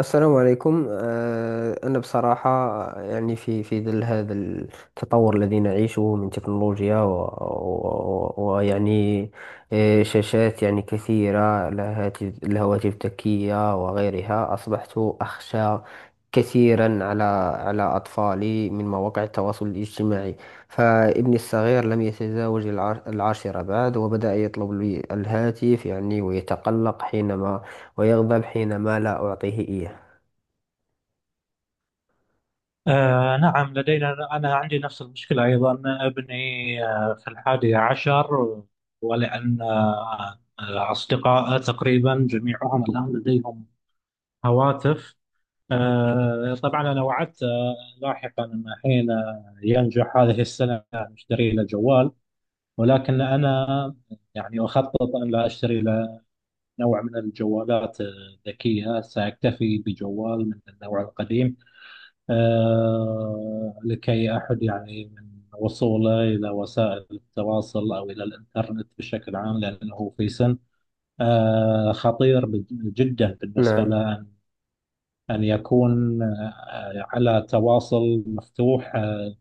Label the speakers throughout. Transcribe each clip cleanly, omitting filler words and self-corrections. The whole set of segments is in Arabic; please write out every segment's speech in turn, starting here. Speaker 1: السلام عليكم. أنا بصراحة يعني في ظل هذا التطور الذي نعيشه من تكنولوجيا و- و- و- ويعني شاشات يعني كثيرة، الهاتف، الهواتف الذكية وغيرها، أصبحت أخشى كثيرا على أطفالي من مواقع التواصل الاجتماعي. فابني الصغير لم يتزاوج العاشرة بعد، وبدأ يطلب لي الهاتف يعني، ويتقلق ويغضب حينما لا أعطيه إياه.
Speaker 2: نعم، لدينا أنا عندي نفس المشكلة أيضا. ابني في الحادي عشر، ولأن أصدقائه تقريبا جميعهم الآن لديهم هواتف. طبعا أنا وعدت لاحقا أن حين ينجح هذه السنة أشتري له جوال، ولكن أنا أخطط أن لا أشتري له نوع من الجوالات الذكية، سأكتفي بجوال من النوع القديم، لكي أحد من وصوله إلى وسائل التواصل أو إلى الإنترنت بشكل عام، لأنه في سن خطير جدا بالنسبة
Speaker 1: نعم.
Speaker 2: له أن يكون على تواصل مفتوح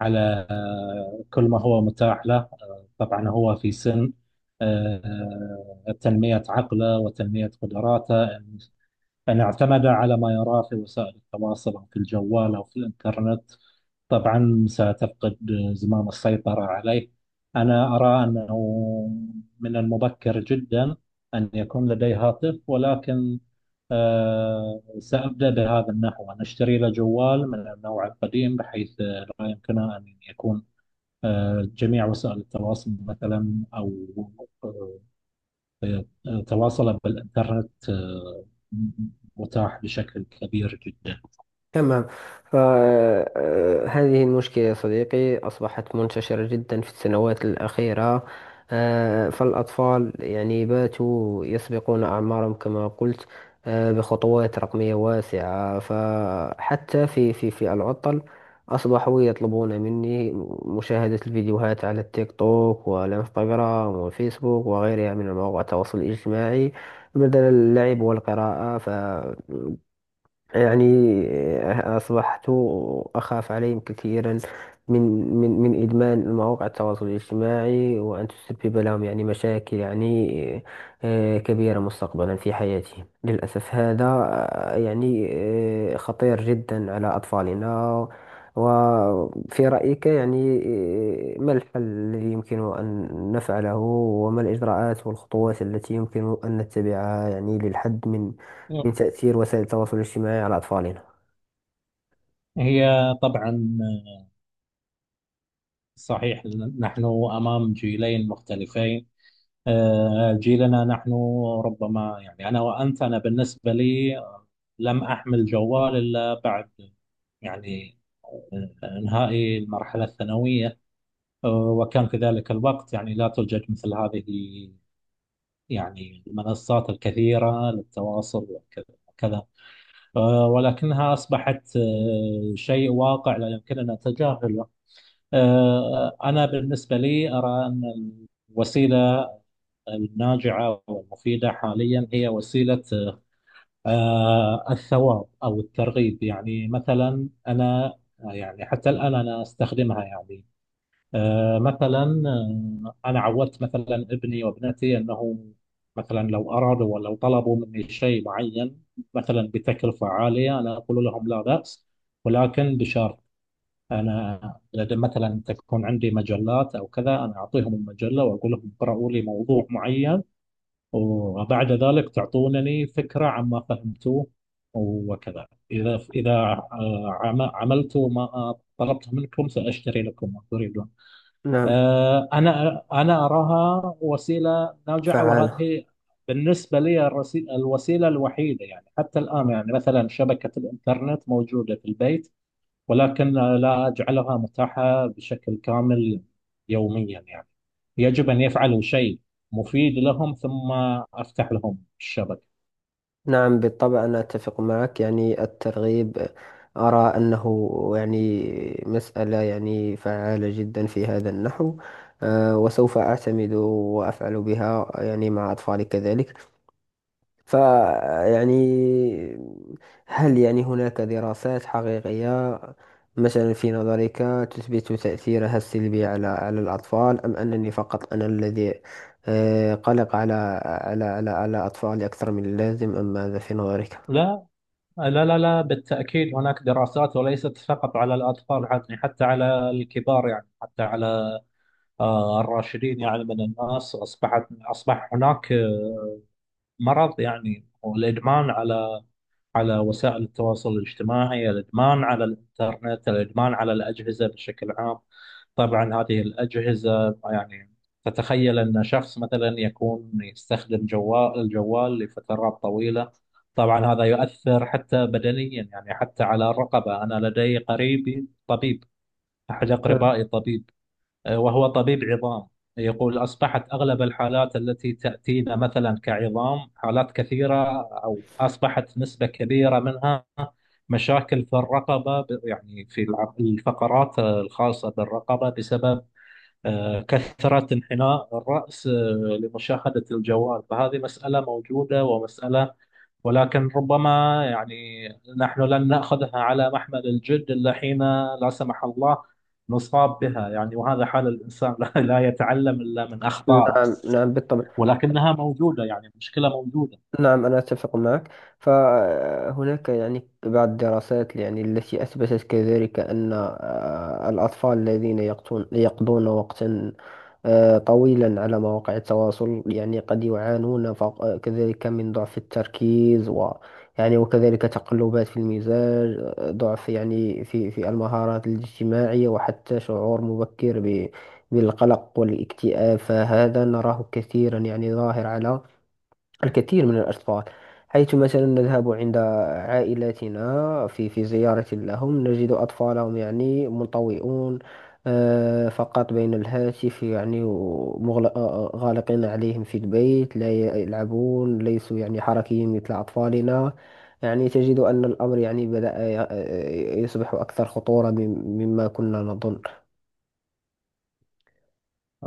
Speaker 2: على كل ما هو متاح له. طبعا هو في سن تنمية عقله وتنمية قدراته. إن اعتمد على ما يراه في وسائل التواصل أو في الجوال أو في الإنترنت، طبعا ستفقد زمام السيطرة عليه. أنا أرى أنه من المبكر جدا أن يكون لدي هاتف، ولكن سأبدأ بهذا النحو، أن أشتري له جوال من النوع القديم بحيث لا يمكنه أن يكون جميع وسائل التواصل مثلا، أو آه، تواصله بالإنترنت متاح بشكل كبير جدا.
Speaker 1: تمام. فهذه المشكلة يا صديقي أصبحت منتشرة جدا في السنوات الأخيرة. فالأطفال يعني باتوا يسبقون أعمارهم كما قلت، بخطوات رقمية واسعة. فحتى في في العطل أصبحوا يطلبون مني مشاهدة الفيديوهات على التيك توك والإنستغرام والفيسبوك وغيرها من مواقع التواصل الاجتماعي بدل اللعب والقراءة. يعني، أصبحت أخاف عليهم كثيرا من من إدمان مواقع التواصل الاجتماعي، وأن تسبب لهم يعني مشاكل يعني كبيرة مستقبلا في حياتهم. للأسف هذا يعني خطير جدا على أطفالنا. وفي رأيك يعني ما الحل الذي يمكن أن نفعله، وما الإجراءات والخطوات التي يمكن أن نتبعها يعني للحد لتأثير وسائل التواصل الاجتماعي على أطفالنا؟
Speaker 2: هي طبعا صحيح، نحن أمام جيلين مختلفين. جيلنا نحن ربما، أنا وأنت، أنا بالنسبة لي لم أحمل جوال إلا بعد، يعني إنهائي المرحلة الثانوية. وكان في ذلك الوقت لا توجد مثل هذه المنصات الكثيرة للتواصل وكذا وكذا، ولكنها أصبحت شيء واقع لا يمكننا تجاهله. أنا بالنسبة لي أرى أن الوسيلة الناجعة والمفيدة حاليا هي وسيلة الثواب أو الترغيب. مثلا أنا حتى الآن أنا أستخدمها. مثلا أنا عودت مثلا ابني وابنتي أنه مثلا لو أرادوا ولو طلبوا مني شيء معين، مثلا بتكلفة عالية، أنا أقول لهم لا بأس ولكن بشرط: انا إذا مثلا تكون عندي مجلات او كذا، انا اعطيهم المجله واقول لهم اقرأوا لي موضوع معين، وبعد ذلك تعطونني فكره عما فهمتوه. وكذا اذا عملتوا ما طلبته منكم، ساشتري لكم ما تريدون.
Speaker 1: نعم.
Speaker 2: انا اراها وسيله ناجعه،
Speaker 1: فعالة.
Speaker 2: وهذه بالنسبه لي الوسيله الوحيده. حتى الان مثلا شبكه الانترنت موجوده في البيت، ولكن لا أجعلها متاحة بشكل كامل يوميا. يجب أن يفعلوا شيء مفيد لهم، ثم أفتح لهم الشبكة.
Speaker 1: نعم، بالطبع أنا أتفق معك. يعني الترغيب أرى أنه يعني مسألة يعني فعالة جدا في هذا النحو. وسوف أعتمد وأفعل بها يعني مع أطفالي كذلك. فيعني، هل يعني هناك دراسات حقيقية مثلا في نظرك تثبت تأثيرها السلبي على الأطفال، أم أنني فقط أنا الذي قلق على على أطفالي أكثر من اللازم، أم ماذا في نظرك؟
Speaker 2: لا، لا، لا، لا، بالتأكيد هناك دراسات، وليست فقط على الأطفال، حتى على الكبار، حتى على الراشدين. من الناس أصبح هناك مرض، والإدمان على وسائل التواصل الاجتماعي، الإدمان على الإنترنت، الإدمان على الأجهزة بشكل عام. طبعا هذه الأجهزة، تتخيل أن شخص مثلا يكون يستخدم الجوال لفترات طويلة، طبعا هذا يؤثر حتى بدنيا، حتى على الرقبة. أنا لدي قريبي طبيب، أحد أقربائي طبيب، وهو طبيب عظام، يقول أصبحت أغلب الحالات التي تأتينا مثلا كعظام حالات كثيرة، أو أصبحت نسبة كبيرة منها مشاكل في الرقبة، في الفقرات الخاصة بالرقبة بسبب كثرة انحناء الرأس لمشاهدة الجوال. فهذه مسألة موجودة ومسألة، ولكن ربما، نحن لن نأخذها على محمل الجد إلا حين لا سمح الله نصاب بها. وهذا حال الإنسان لا لا يتعلم إلا من أخطائه،
Speaker 1: نعم، نعم، بالطبع.
Speaker 2: ولكنها موجودة، مشكلة موجودة.
Speaker 1: نعم، أنا أتفق معك. فهناك يعني بعض الدراسات يعني التي أثبتت كذلك أن الأطفال الذين يقضون وقتا طويلا على مواقع التواصل يعني قد يعانون كذلك من ضعف التركيز، يعني وكذلك تقلبات في المزاج، ضعف يعني في المهارات الاجتماعية، وحتى شعور مبكر بالقلق والاكتئاب. فهذا نراه كثيرا يعني ظاهر على الكثير من الأطفال. حيث مثلا نذهب عند عائلاتنا في زيارة لهم، نجد أطفالهم يعني منطوئون فقط بين الهاتف يعني، غالقين عليهم في البيت، لا يلعبون، ليسوا يعني حركيين مثل أطفالنا. يعني تجد أن الأمر يعني بدأ يصبح أكثر خطورة مما كنا نظن.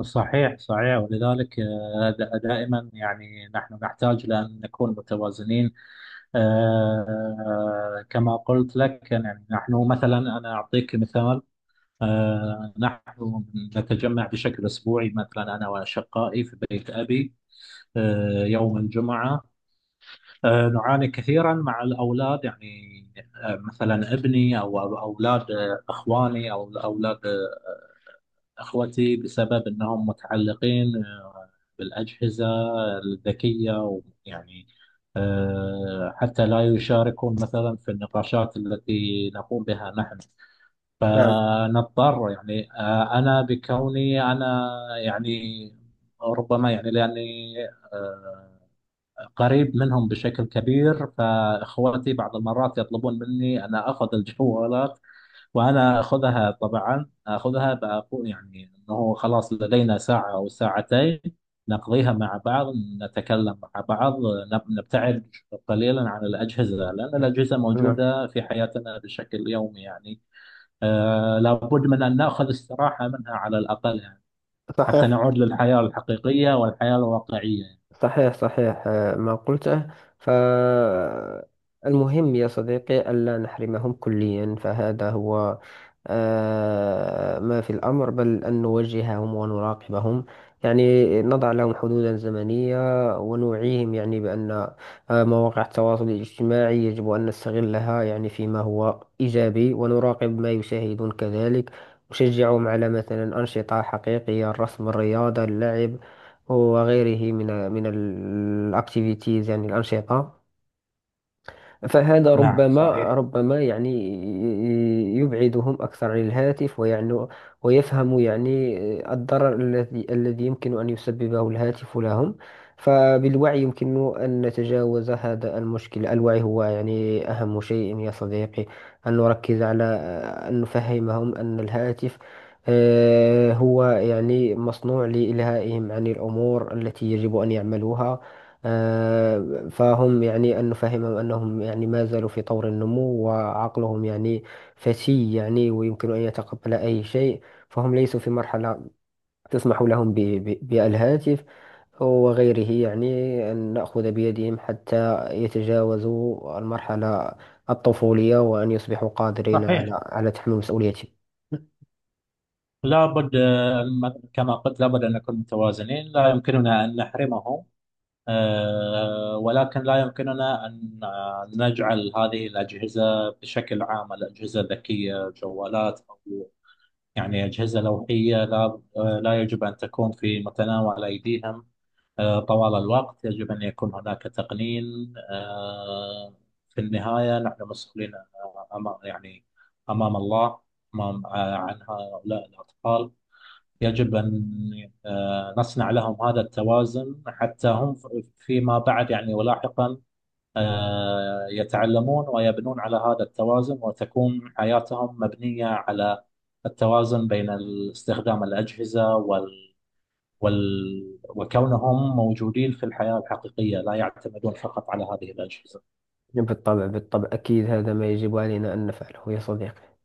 Speaker 2: صحيح صحيح، ولذلك دائما نحن نحتاج لأن نكون متوازنين. كما قلت لك، نحن مثلا، أنا أعطيك مثال: نحن نتجمع بشكل أسبوعي، مثلا أنا وأشقائي في بيت أبي يوم الجمعة. نعاني كثيرا مع الأولاد، مثلا ابني أو أولاد إخواني، أو أولاد إخوتي، بسبب أنهم متعلقين بالأجهزة الذكية. ويعني حتى لا يشاركون مثلا في النقاشات التي نقوم بها نحن،
Speaker 1: نعم،
Speaker 2: فنضطر، أنا بكوني أنا، يعني ربما لأني آه، قريب منهم بشكل كبير، فإخوتي بعض المرات يطلبون مني أنا أخذ الجوالات، وأنا أخذها. طبعا أخذها بأقول، أنه خلاص لدينا ساعة أو ساعتين نقضيها مع بعض، نتكلم مع بعض، نبتعد قليلا عن الأجهزة، لأن الأجهزة
Speaker 1: نعم.
Speaker 2: موجودة في حياتنا بشكل يومي. لابد من أن نأخذ استراحة منها على الأقل، حتى
Speaker 1: صحيح،
Speaker 2: نعود للحياة الحقيقية والحياة الواقعية.
Speaker 1: صحيح، صحيح. ما قلته. فالمهم يا صديقي ألا نحرمهم كليا، فهذا هو ما في الأمر، بل أن نوجههم ونراقبهم، يعني نضع لهم حدودا زمنية ونوعيهم، يعني بأن مواقع التواصل الاجتماعي يجب أن نستغلها يعني فيما هو إيجابي، ونراقب ما يشاهدون كذلك. نشجعهم على مثلا أنشطة حقيقية، الرسم، الرياضة، اللعب، وغيره من الأكتيفيتيز، يعني الأنشطة. فهذا
Speaker 2: نعم
Speaker 1: ربما
Speaker 2: صحيح
Speaker 1: ربما يعني يبعدهم أكثر عن الهاتف ويعني، ويفهم يعني الضرر الذي يمكن أن يسببه الهاتف لهم. فبالوعي يمكن أن نتجاوز هذا المشكل. الوعي هو يعني أهم شيء يا صديقي، أن نركز على أن نفهمهم أن الهاتف هو يعني مصنوع لإلهائهم عن الأمور التي يجب أن يعملوها. فهم يعني أن نفهمهم أنهم يعني ما زالوا في طور النمو، وعقلهم يعني فتي يعني، ويمكن أن يتقبل أي شيء، فهم ليسوا في مرحلة تسمح لهم بالهاتف وغيره. يعني أن نأخذ بيدهم حتى يتجاوزوا المرحلة الطفولية، وأن يصبحوا قادرين على
Speaker 2: صحيح،
Speaker 1: على تحمل مسؤوليتهم.
Speaker 2: لابد كما قلت لابد أن نكون متوازنين، لا يمكننا أن نحرمهم، ولكن لا يمكننا أن نجعل هذه الأجهزة بشكل عام، الأجهزة الذكية، جوالات أو أجهزة لوحية، لا لا يجب أن تكون في متناول أيديهم طوال الوقت، يجب أن يكون هناك تقنين. في النهاية نحن مسؤولين أمام، أمام الله، أمام عن هؤلاء الأطفال. يجب أن نصنع لهم هذا التوازن، حتى هم فيما بعد ولاحقا يتعلمون ويبنون على هذا التوازن، وتكون حياتهم مبنية على التوازن بين استخدام الأجهزة وال، وال، وكونهم موجودين في الحياة الحقيقية لا يعتمدون فقط على هذه الأجهزة.
Speaker 1: بالطبع، بالطبع، أكيد، هذا ما يجب علينا أن نفعله يا صديقي.